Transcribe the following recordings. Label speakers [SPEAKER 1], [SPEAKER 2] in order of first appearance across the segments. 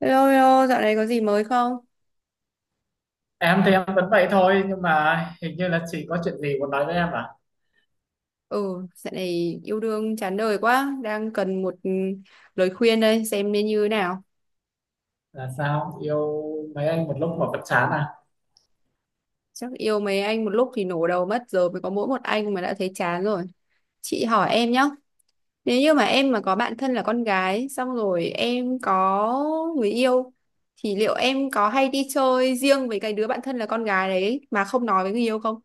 [SPEAKER 1] Hello, hello, dạo này có gì mới không?
[SPEAKER 2] Em thì em vẫn vậy thôi, nhưng mà hình như là chị có chuyện gì muốn nói với em à?
[SPEAKER 1] Ừ, dạo này yêu đương chán đời quá, đang cần một lời khuyên đây, xem nên như thế nào.
[SPEAKER 2] Là sao, yêu mấy anh một lúc mà vẫn chán à?
[SPEAKER 1] Chắc yêu mấy anh một lúc thì nổ đầu mất, giờ mới có mỗi một anh mà đã thấy chán rồi. Chị hỏi em nhá, nếu như mà em mà có bạn thân là con gái, xong rồi em có người yêu, thì liệu em có hay đi chơi riêng với cái đứa bạn thân là con gái đấy mà không nói với người yêu không?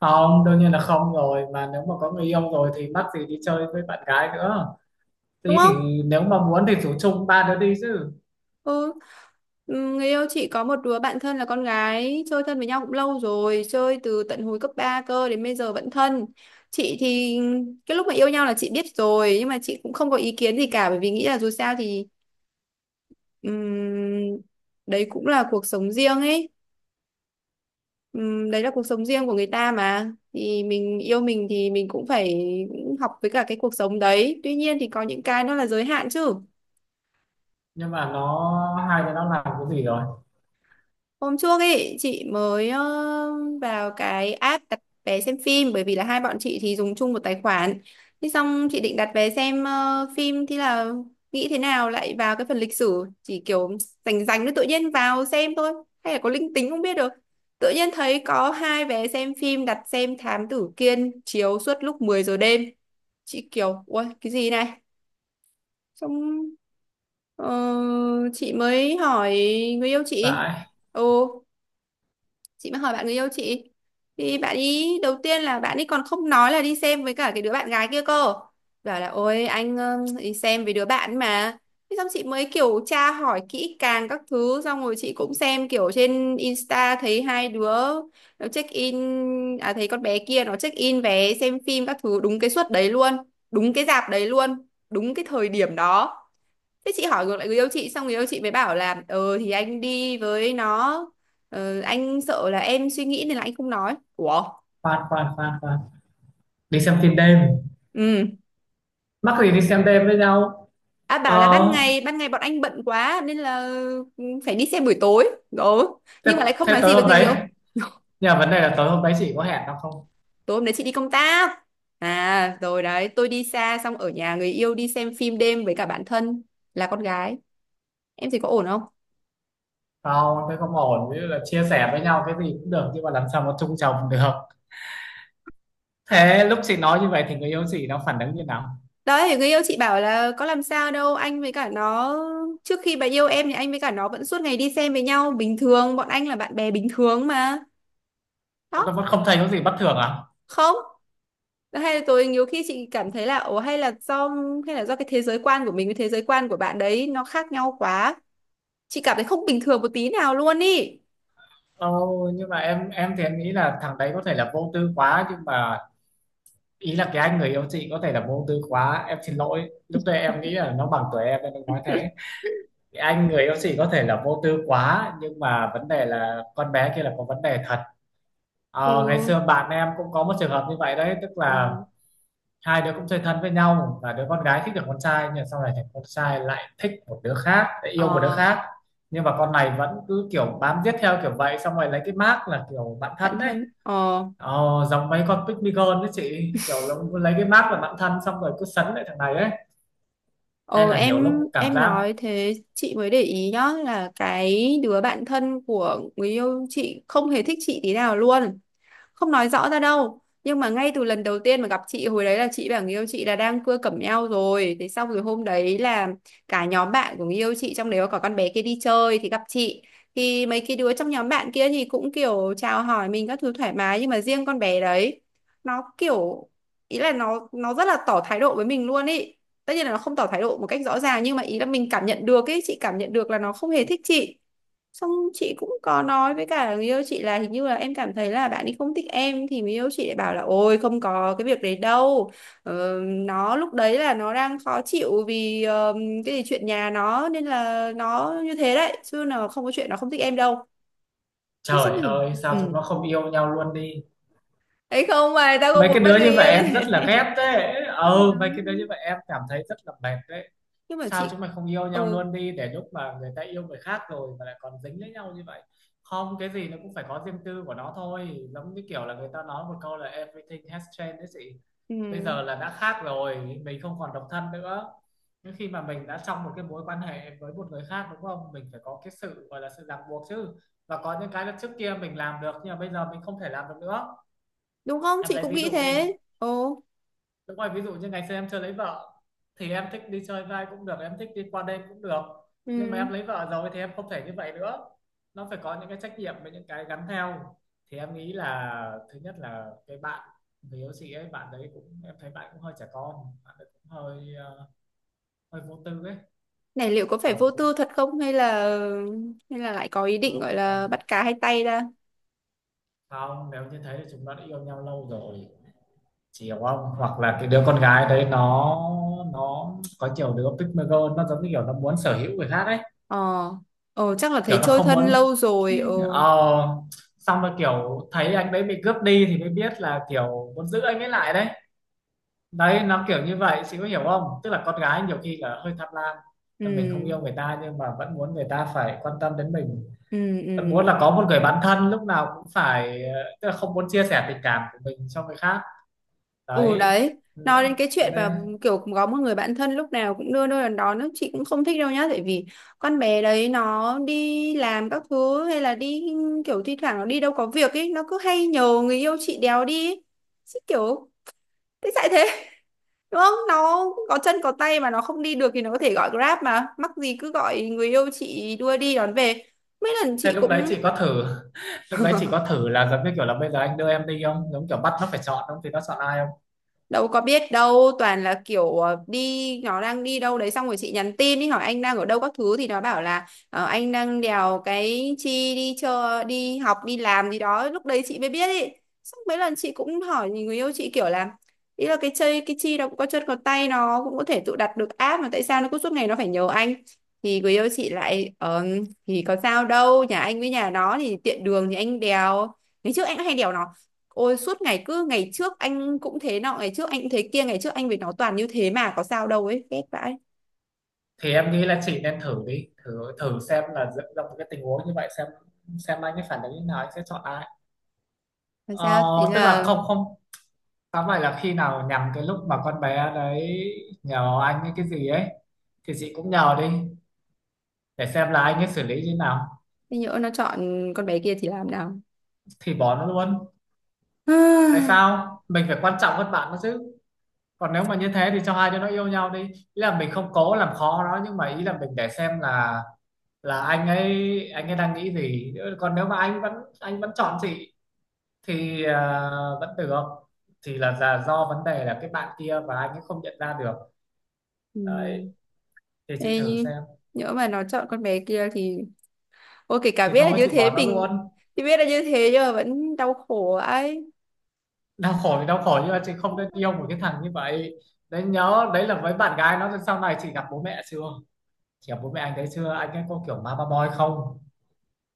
[SPEAKER 2] Không, đương nhiên là không rồi, mà nếu mà có người yêu rồi thì mắc gì đi chơi với bạn gái nữa,
[SPEAKER 1] Đúng
[SPEAKER 2] đi
[SPEAKER 1] không?
[SPEAKER 2] thì nếu mà muốn thì rủ chung ba đứa đi chứ.
[SPEAKER 1] Ừ. Người yêu chị có một đứa bạn thân là con gái, chơi thân với nhau cũng lâu rồi, chơi từ tận hồi cấp 3 cơ đến bây giờ vẫn thân. Chị thì cái lúc mà yêu nhau là chị biết rồi, nhưng mà chị cũng không có ý kiến gì cả, bởi vì nghĩ là dù sao thì ừm, đấy cũng là cuộc sống riêng ấy. Đấy là cuộc sống riêng của người ta mà, thì mình yêu mình thì mình cũng phải học với cả cái cuộc sống đấy, tuy nhiên thì có những cái nó là giới hạn chứ.
[SPEAKER 2] Nhưng mà hai đứa nó làm cái gì rồi?
[SPEAKER 1] Hôm trước ấy chị mới vào cái app đặt vé xem phim, bởi vì là hai bọn chị thì dùng chung một tài khoản. Thế xong chị định đặt vé xem phim, thì là nghĩ thế nào lại vào cái phần lịch sử, chỉ kiểu rành rành nó tự nhiên vào xem thôi, hay là có linh tính không biết được. Tự nhiên thấy có hai vé xem phim đặt xem Thám Tử Kiên chiếu suốt lúc 10 giờ đêm. Chị kiểu ui cái gì này? Xong Ờ, chị mới hỏi người yêu chị.
[SPEAKER 2] Vãi.
[SPEAKER 1] Ừ, chị mới hỏi bạn người yêu chị, thì bạn ý đầu tiên là bạn ấy còn không nói là đi xem với cả cái đứa bạn gái kia cơ, bảo là ôi anh đi xem với đứa bạn mà. Thế xong chị mới kiểu tra hỏi kỹ càng các thứ, xong rồi chị cũng xem kiểu trên Insta thấy hai đứa nó check in, à thấy con bé kia nó check in vé xem phim các thứ đúng cái suất đấy luôn, đúng cái rạp đấy luôn, đúng cái thời điểm đó. Thế chị hỏi ngược lại người yêu chị, xong người yêu chị mới bảo là ờ thì anh đi với nó, anh sợ là em suy nghĩ nên là anh không nói. Ủa.
[SPEAKER 2] Khoan khoan khoan khoan, đi xem phim đêm,
[SPEAKER 1] Ừ.
[SPEAKER 2] mắc gì đi xem đêm với nhau?
[SPEAKER 1] À, bảo là
[SPEAKER 2] ờ
[SPEAKER 1] ban ngày bọn anh bận quá nên là ừ, phải đi xem buổi tối. Ừ.
[SPEAKER 2] thế,
[SPEAKER 1] Nhưng mà lại không
[SPEAKER 2] thế
[SPEAKER 1] nói gì
[SPEAKER 2] tối
[SPEAKER 1] với
[SPEAKER 2] hôm
[SPEAKER 1] người
[SPEAKER 2] đấy,
[SPEAKER 1] yêu.
[SPEAKER 2] nhưng mà vấn đề là tối hôm đấy chị có hẹn nó không?
[SPEAKER 1] Tối hôm đấy chị đi công tác, à rồi đấy tôi đi xa xong ở nhà người yêu đi xem phim đêm với cả bạn thân là con gái, em thấy có ổn không?
[SPEAKER 2] Không, thế không ổn, ví dụ là chia sẻ với nhau cái gì cũng được nhưng mà làm sao mà chung chồng được. Thế lúc chị nói như vậy thì người yêu chị nó phản ứng như nào,
[SPEAKER 1] Đấy, thì người yêu chị bảo là có làm sao đâu, anh với cả nó trước khi bà yêu em thì anh với cả nó vẫn suốt ngày đi xem với nhau bình thường, bọn anh là bạn bè bình thường mà.
[SPEAKER 2] nó
[SPEAKER 1] Đó,
[SPEAKER 2] vẫn không thấy có gì bất thường à?
[SPEAKER 1] không. Hay là tôi nhiều khi chị cảm thấy là ồ hay là do, hay là do cái thế giới quan của mình với thế giới quan của bạn đấy nó khác nhau quá. Chị cảm thấy không bình thường một tí nào luôn ý.
[SPEAKER 2] Ồ, nhưng mà em thì em nghĩ là thằng đấy có thể là vô tư quá, nhưng mà ý là cái anh người yêu chị có thể là vô tư quá, em xin lỗi lúc đấy em nghĩ là nó bằng tuổi em nên em nói thế. Cái anh người yêu chị có thể là vô tư quá, nhưng mà vấn đề là con bé kia là có vấn đề thật. Ngày
[SPEAKER 1] Ừ.
[SPEAKER 2] xưa bạn em cũng có một trường hợp như vậy đấy, tức
[SPEAKER 1] Ờ,
[SPEAKER 2] là hai đứa cũng chơi thân với nhau và đứa con gái thích được con trai, nhưng sau này thì con trai lại thích một đứa khác, lại yêu một đứa
[SPEAKER 1] ờ,
[SPEAKER 2] khác, nhưng mà con này vẫn cứ kiểu bám giết theo kiểu vậy, xong rồi lấy cái mác là kiểu bạn
[SPEAKER 1] bạn
[SPEAKER 2] thân đấy.
[SPEAKER 1] thân. Ờ.
[SPEAKER 2] Ờ, giống mấy con Pygmy Girl đấy chị, kiểu nó cứ lấy cái mác là bạn thân xong rồi cứ sấn lại thằng này ấy,
[SPEAKER 1] Ồ,
[SPEAKER 2] nên là nhiều lúc
[SPEAKER 1] em
[SPEAKER 2] cảm
[SPEAKER 1] em
[SPEAKER 2] giác
[SPEAKER 1] nói thế chị mới để ý nhá, là cái đứa bạn thân của người yêu chị không hề thích chị tí nào luôn, không nói rõ ra đâu, nhưng mà ngay từ lần đầu tiên mà gặp chị hồi đấy là chị bảo người yêu chị là đang cưa cẩm eo rồi, thế xong rồi hôm đấy là cả nhóm bạn của người yêu chị trong đấy có cả con bé kia đi chơi thì gặp chị, thì mấy cái đứa trong nhóm bạn kia thì cũng kiểu chào hỏi mình các thứ thoải mái, nhưng mà riêng con bé đấy nó kiểu, ý là nó rất là tỏ thái độ với mình luôn ý. Tất nhiên là nó không tỏ thái độ một cách rõ ràng, nhưng mà ý là mình cảm nhận được ấy, chị cảm nhận được là nó không hề thích chị. Xong chị cũng có nói với cả người yêu chị là hình như là em cảm thấy là bạn ấy không thích em, thì người yêu chị lại bảo là ôi không có cái việc đấy đâu. Ờ, nó lúc đấy là nó đang khó chịu vì cái gì chuyện nhà nó nên là nó như thế đấy chứ là không có chuyện nó không thích em đâu. Thế xong
[SPEAKER 2] trời
[SPEAKER 1] rồi
[SPEAKER 2] ơi sao chúng
[SPEAKER 1] ừ.
[SPEAKER 2] nó không yêu nhau luôn đi.
[SPEAKER 1] Đấy không mà tao không
[SPEAKER 2] Mấy
[SPEAKER 1] muốn
[SPEAKER 2] cái
[SPEAKER 1] mất
[SPEAKER 2] đứa
[SPEAKER 1] người
[SPEAKER 2] như vậy
[SPEAKER 1] yêu như
[SPEAKER 2] em
[SPEAKER 1] thế
[SPEAKER 2] rất là
[SPEAKER 1] này.
[SPEAKER 2] ghét đấy, ừ, mấy cái đứa như vậy em cảm thấy rất là mệt đấy.
[SPEAKER 1] Nhưng mà
[SPEAKER 2] Sao
[SPEAKER 1] chị
[SPEAKER 2] chúng mày không yêu nhau
[SPEAKER 1] ừ,
[SPEAKER 2] luôn đi, để lúc mà người ta yêu người khác rồi mà lại còn dính lấy nhau như vậy. Không, cái gì nó cũng phải có riêng tư của nó thôi, giống như kiểu là người ta nói một câu là everything has changed đấy chị. Bây
[SPEAKER 1] ừ.
[SPEAKER 2] giờ là đã khác rồi, mình không còn độc thân nữa. Nhưng khi mà mình đã trong một cái mối quan hệ với một người khác, đúng không, mình phải có cái sự gọi là sự ràng buộc chứ, và có những cái là trước kia mình làm được nhưng mà bây giờ mình không thể làm được nữa.
[SPEAKER 1] Đúng không?
[SPEAKER 2] Em
[SPEAKER 1] Chị
[SPEAKER 2] lấy
[SPEAKER 1] cũng
[SPEAKER 2] ví
[SPEAKER 1] nghĩ
[SPEAKER 2] dụ đi.
[SPEAKER 1] thế. Ồ.
[SPEAKER 2] Đúng rồi, ví dụ như ngày xưa em chưa lấy vợ thì em thích đi chơi vai cũng được, em thích đi qua đêm cũng được. Nhưng mà
[SPEAKER 1] Ừ.
[SPEAKER 2] em lấy vợ rồi thì em không thể như vậy nữa. Nó phải có những cái trách nhiệm với những cái gắn theo. Thì em nghĩ là thứ nhất là cái bạn người yêu chị ấy, bạn đấy cũng em thấy bạn cũng hơi trẻ con, bạn ấy cũng hơi hơi vô tư ấy,
[SPEAKER 1] Này liệu có phải vô
[SPEAKER 2] kiểu cũng
[SPEAKER 1] tư thật không, hay là, hay là lại có ý
[SPEAKER 2] ờ,
[SPEAKER 1] định gọi
[SPEAKER 2] không
[SPEAKER 1] là
[SPEAKER 2] còn.
[SPEAKER 1] bắt cá hai tay ra?
[SPEAKER 2] Không, nếu như thế thì chúng nó đã yêu nhau lâu rồi, chị hiểu không? Hoặc là cái đứa con gái đấy nó có nhiều đứa pygmy girl nó giống như kiểu nó muốn sở hữu người khác ấy,
[SPEAKER 1] Ờ, ờ chắc là
[SPEAKER 2] kiểu
[SPEAKER 1] thấy
[SPEAKER 2] nó
[SPEAKER 1] chơi
[SPEAKER 2] không
[SPEAKER 1] thân
[SPEAKER 2] muốn,
[SPEAKER 1] lâu rồi. Ờ.
[SPEAKER 2] ờ xong rồi kiểu thấy anh đấy bị cướp đi thì mới biết là kiểu muốn giữ anh ấy lại đấy. Đấy, nó kiểu như vậy chị có hiểu không, tức là con gái nhiều khi là hơi tham lam,
[SPEAKER 1] Ừ,
[SPEAKER 2] mình không yêu người ta nhưng mà vẫn muốn người ta phải quan tâm đến mình,
[SPEAKER 1] ừ,
[SPEAKER 2] vẫn muốn
[SPEAKER 1] ừ.
[SPEAKER 2] là có một người bạn thân lúc nào cũng phải, tức là không muốn chia sẻ tình cảm của mình cho người khác.
[SPEAKER 1] Ừ
[SPEAKER 2] Đấy.
[SPEAKER 1] đấy, nói
[SPEAKER 2] Nên
[SPEAKER 1] đến cái chuyện mà
[SPEAKER 2] nên-
[SPEAKER 1] kiểu có một người bạn thân lúc nào cũng đưa đưa đón đón ấy, chị cũng không thích đâu nhá, tại vì con bé đấy nó đi làm các thứ hay là đi kiểu thi thoảng nó đi đâu có việc ấy, nó cứ hay nhờ người yêu chị đéo đi. Ấy. Chị kiểu thế tại thế đúng không, nó có chân có tay mà nó không đi được thì nó có thể gọi Grab mà. Mắc gì cứ gọi người yêu chị đưa đi đón về. Mấy lần
[SPEAKER 2] Thế
[SPEAKER 1] chị
[SPEAKER 2] lúc đấy
[SPEAKER 1] cũng
[SPEAKER 2] chị có thử, lúc đấy chị có thử là giống như kiểu là bây giờ anh đưa em đi không, giống kiểu bắt nó phải chọn, không thì nó chọn ai.
[SPEAKER 1] đâu có biết đâu, toàn là kiểu đi nó đang đi đâu đấy xong rồi chị nhắn tin đi hỏi anh đang ở đâu các thứ, thì nó bảo là ờ, anh đang đèo cái chi đi chơi đi học đi làm gì đó, lúc đấy chị mới biết ý. Xong mấy lần chị cũng hỏi người yêu chị kiểu là, ý là cái chơi cái chi nó cũng có chân có tay nó cũng có thể tự đặt được app, mà tại sao nó cứ suốt ngày nó phải nhờ anh, thì người yêu chị lại thì có sao đâu nhà anh với nhà nó thì tiện đường thì anh đèo, ngày trước anh cũng hay đèo nó. Ôi suốt ngày cứ ngày trước anh cũng thế nọ, ngày trước anh cũng thế kia, ngày trước anh với nó toàn như thế mà có sao đâu ấy, ghét vãi.
[SPEAKER 2] Thì em nghĩ là chị nên thử đi, thử thử xem là dựng ra một cái tình huống như vậy xem anh ấy phản ứng như thế nào, anh sẽ chọn ai.
[SPEAKER 1] Làm
[SPEAKER 2] ờ,
[SPEAKER 1] sao thế
[SPEAKER 2] Tức là,
[SPEAKER 1] là,
[SPEAKER 2] không không tóm lại là khi nào nhằm cái lúc mà con bé đấy nhờ anh ấy cái gì ấy thì chị cũng nhờ đi, để xem là anh ấy xử lý như thế nào.
[SPEAKER 1] thế nhỡ nó chọn con bé kia thì làm nào?
[SPEAKER 2] Thì bỏ nó luôn, tại sao mình phải quan trọng hơn bạn nó chứ, còn nếu mà như thế thì cho hai đứa nó yêu nhau đi, ý là mình không cố làm khó nó nhưng mà ý là mình để xem là anh ấy đang nghĩ gì. Còn nếu mà anh vẫn chọn chị thì vẫn được, thì là do vấn đề là cái bạn kia và anh ấy không nhận ra được.
[SPEAKER 1] Ừ.
[SPEAKER 2] Đấy, thì chị
[SPEAKER 1] Ê,
[SPEAKER 2] thử
[SPEAKER 1] nhưng,
[SPEAKER 2] xem.
[SPEAKER 1] nhỡ mà nó chọn con bé kia thì ôi kể cả
[SPEAKER 2] Thì
[SPEAKER 1] biết là
[SPEAKER 2] thôi
[SPEAKER 1] như
[SPEAKER 2] chị
[SPEAKER 1] thế
[SPEAKER 2] bỏ nó
[SPEAKER 1] mình,
[SPEAKER 2] luôn,
[SPEAKER 1] thì biết là như thế nhưng mà vẫn đau khổ ấy.
[SPEAKER 2] đau khổ thì đau khổ nhưng mà chị không nên yêu một cái thằng như vậy. Đấy, nhớ đấy, là với bạn gái nó sau này. Chị gặp bố mẹ chưa, chị gặp bố mẹ anh đấy chưa, anh ấy có kiểu mama boy không?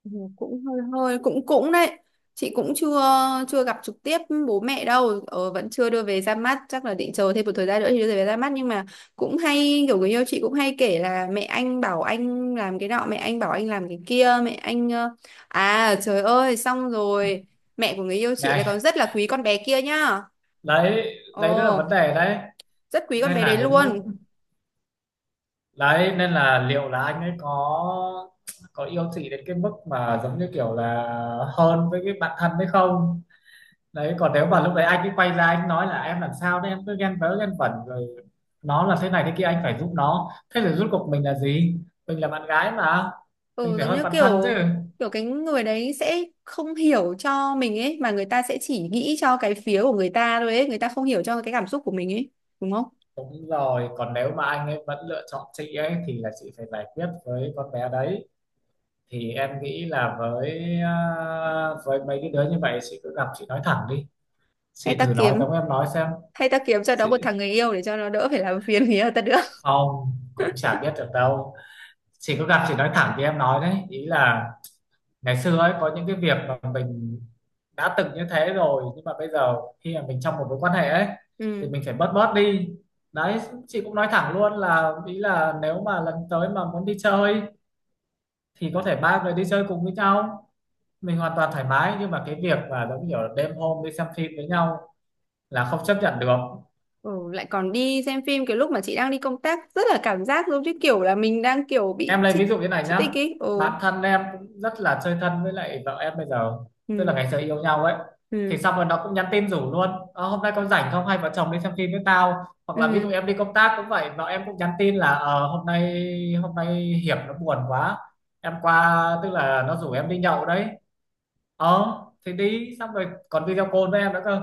[SPEAKER 1] Ừ, cũng hơi hơi cũng cũng đấy. Chị cũng chưa chưa gặp trực tiếp bố mẹ đâu, vẫn chưa đưa về ra mắt, chắc là định chờ thêm một thời gian nữa thì đưa về ra mắt, nhưng mà cũng hay kiểu người yêu chị cũng hay kể là mẹ anh bảo anh làm cái nọ, mẹ anh bảo anh làm cái kia, mẹ anh à trời ơi, xong rồi mẹ của người yêu chị lại còn
[SPEAKER 2] Này,
[SPEAKER 1] rất là quý con bé kia nhá.
[SPEAKER 2] đấy đấy, đó là vấn
[SPEAKER 1] Ồ,
[SPEAKER 2] đề đấy.
[SPEAKER 1] rất quý con
[SPEAKER 2] Nên
[SPEAKER 1] bé đấy
[SPEAKER 2] là đến lúc
[SPEAKER 1] luôn.
[SPEAKER 2] đấy, nên là liệu là anh ấy có yêu chị đến cái mức mà giống như kiểu là hơn với cái bạn thân hay không. Đấy, còn nếu mà lúc đấy anh ấy quay ra anh nói là, em làm sao đấy, em cứ ghen vớ ghen vẩn rồi, nó là thế này thế kia anh phải giúp nó, thế rồi rốt cuộc mình là gì, mình là bạn gái mà, mình
[SPEAKER 1] Ừ,
[SPEAKER 2] phải
[SPEAKER 1] giống
[SPEAKER 2] hơn
[SPEAKER 1] như
[SPEAKER 2] bạn thân chứ.
[SPEAKER 1] kiểu, kiểu cái người đấy sẽ không hiểu cho mình ấy mà, người ta sẽ chỉ nghĩ cho cái phía của người ta thôi ấy, người ta không hiểu cho cái cảm xúc của mình ấy, đúng không?
[SPEAKER 2] Đúng rồi, còn nếu mà anh ấy vẫn lựa chọn chị ấy thì là chị phải giải quyết với con bé đấy. Thì em nghĩ là với mấy cái đứa như vậy, chị cứ gặp chị nói thẳng đi,
[SPEAKER 1] Hay
[SPEAKER 2] chị
[SPEAKER 1] ta
[SPEAKER 2] thử nói
[SPEAKER 1] kiếm,
[SPEAKER 2] giống em nói xem.
[SPEAKER 1] hay ta kiếm cho nó
[SPEAKER 2] Chị
[SPEAKER 1] một thằng người yêu để cho nó đỡ phải làm phiền người yêu ta nữa.
[SPEAKER 2] không cũng chả biết được đâu, chị cứ gặp chị nói thẳng thì em nói đấy, ý là ngày xưa ấy có những cái việc mà mình đã từng như thế rồi, nhưng mà bây giờ khi mà mình trong một mối quan hệ ấy thì
[SPEAKER 1] Ừ.
[SPEAKER 2] mình phải bớt bớt đi. Đấy, chị cũng nói thẳng luôn là, ý là nếu mà lần tới mà muốn đi chơi thì có thể ba người đi chơi cùng với nhau, mình hoàn toàn thoải mái, nhưng mà cái việc mà giống kiểu là đêm hôm đi xem phim với nhau là không chấp nhận được.
[SPEAKER 1] Ừ lại còn đi xem phim cái lúc mà chị đang đi công tác, rất là cảm giác giống như kiểu là mình đang kiểu
[SPEAKER 2] Em
[SPEAKER 1] bị
[SPEAKER 2] lấy
[SPEAKER 1] chít,
[SPEAKER 2] ví dụ như này
[SPEAKER 1] chít tích
[SPEAKER 2] nhá,
[SPEAKER 1] ấy. Ừ.
[SPEAKER 2] bản thân em cũng rất là chơi thân với lại vợ em bây giờ, tức là
[SPEAKER 1] Ừ
[SPEAKER 2] ngày xưa yêu nhau ấy thì
[SPEAKER 1] ừ
[SPEAKER 2] xong rồi nó cũng nhắn tin rủ luôn, "Ờ, hôm nay con rảnh không hay vợ chồng đi xem phim với tao", hoặc là ví dụ
[SPEAKER 1] ừ.
[SPEAKER 2] em đi công tác cũng vậy, vợ em cũng nhắn tin là, "Ờ, hôm nay hiệp nó buồn quá, em qua", tức là nó rủ em đi nhậu đấy, ờ thì đi, xong rồi còn video call với em nữa cơ.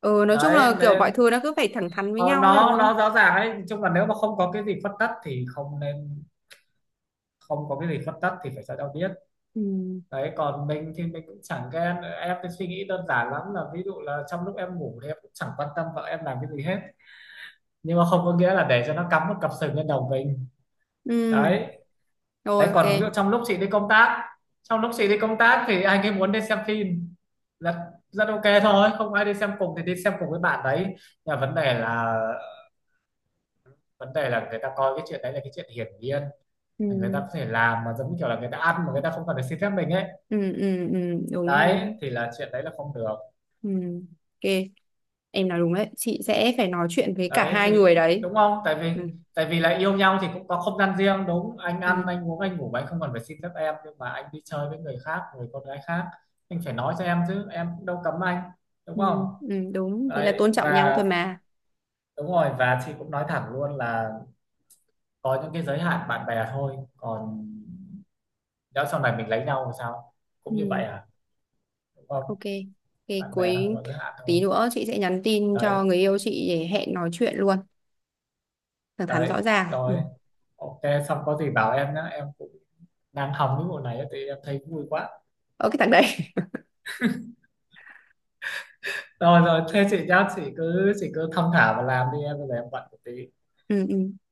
[SPEAKER 1] Ừ nói chung
[SPEAKER 2] Đấy
[SPEAKER 1] là kiểu mọi
[SPEAKER 2] nên,
[SPEAKER 1] thứ nó cứ phải thẳng thắn với
[SPEAKER 2] Ờ,
[SPEAKER 1] nhau ấy, đúng
[SPEAKER 2] nó
[SPEAKER 1] không?
[SPEAKER 2] nó rõ ràng ấy, chung là nếu mà không có cái gì khuất tất thì không nên, không có cái gì khuất tất thì phải cho nhau biết.
[SPEAKER 1] Ừ.
[SPEAKER 2] Đấy, còn mình thì mình cũng chẳng ghen, em cái suy nghĩ đơn giản lắm là ví dụ là trong lúc em ngủ thì em cũng chẳng quan tâm vợ em làm cái gì hết, nhưng mà không có nghĩa là để cho nó cắm một cặp sừng lên đầu mình.
[SPEAKER 1] Ừ.
[SPEAKER 2] Đấy.
[SPEAKER 1] Rồi,
[SPEAKER 2] Đấy
[SPEAKER 1] ok.
[SPEAKER 2] còn ví dụ trong lúc chị đi công tác thì anh ấy muốn đi xem phim, rất rất ok thôi, không ai đi xem cùng thì đi xem cùng với bạn đấy, nhưng mà vấn đề là người ta coi cái chuyện đấy là cái chuyện hiển nhiên,
[SPEAKER 1] Ừ
[SPEAKER 2] người ta có thể làm mà giống như kiểu là người ta ăn mà người ta không cần phải xin phép mình ấy.
[SPEAKER 1] ừ ừ ừ, đúng
[SPEAKER 2] Đấy,
[SPEAKER 1] đúng.
[SPEAKER 2] thì là chuyện đấy là không được.
[SPEAKER 1] Ừ, ok, em nói đúng đấy, chị sẽ phải nói chuyện với cả
[SPEAKER 2] Đấy
[SPEAKER 1] hai người
[SPEAKER 2] thì
[SPEAKER 1] đấy.
[SPEAKER 2] đúng không, tại vì
[SPEAKER 1] Ừ.
[SPEAKER 2] tại vì là yêu nhau thì cũng có không gian riêng đúng, anh
[SPEAKER 1] Ừ
[SPEAKER 2] ăn anh uống anh ngủ mà anh không cần phải xin phép em, nhưng mà anh đi chơi với người khác, người con gái khác, anh phải nói cho em chứ, em cũng đâu cấm anh, đúng
[SPEAKER 1] ừ,
[SPEAKER 2] không?
[SPEAKER 1] ừ đúng thế, là tôn
[SPEAKER 2] Đấy
[SPEAKER 1] trọng nhau
[SPEAKER 2] và,
[SPEAKER 1] thôi mà.
[SPEAKER 2] đúng rồi, và chị cũng nói thẳng luôn là có những cái giới hạn bạn bè thôi, còn nhỡ sau này mình lấy nhau thì sao, cũng như
[SPEAKER 1] Ừ.
[SPEAKER 2] vậy à, đúng không?
[SPEAKER 1] Ok. Ok.
[SPEAKER 2] Bạn bè nó
[SPEAKER 1] Cuối
[SPEAKER 2] phải có giới hạn
[SPEAKER 1] tí
[SPEAKER 2] thôi.
[SPEAKER 1] nữa chị sẽ nhắn tin
[SPEAKER 2] Đấy.
[SPEAKER 1] cho người yêu chị để hẹn nói chuyện luôn, thẳng thắn rõ
[SPEAKER 2] Đấy
[SPEAKER 1] ràng. Ừ.
[SPEAKER 2] rồi, ok, xong có gì bảo em nhé, em cũng đang hóng cái bộ này thì em thấy vui quá.
[SPEAKER 1] Ở cái thằng đấy.
[SPEAKER 2] Rồi rồi, thế chị nhá, chị cứ thong thả và làm đi, em bây giờ em bận một tí.
[SPEAKER 1] Ừ, ừ.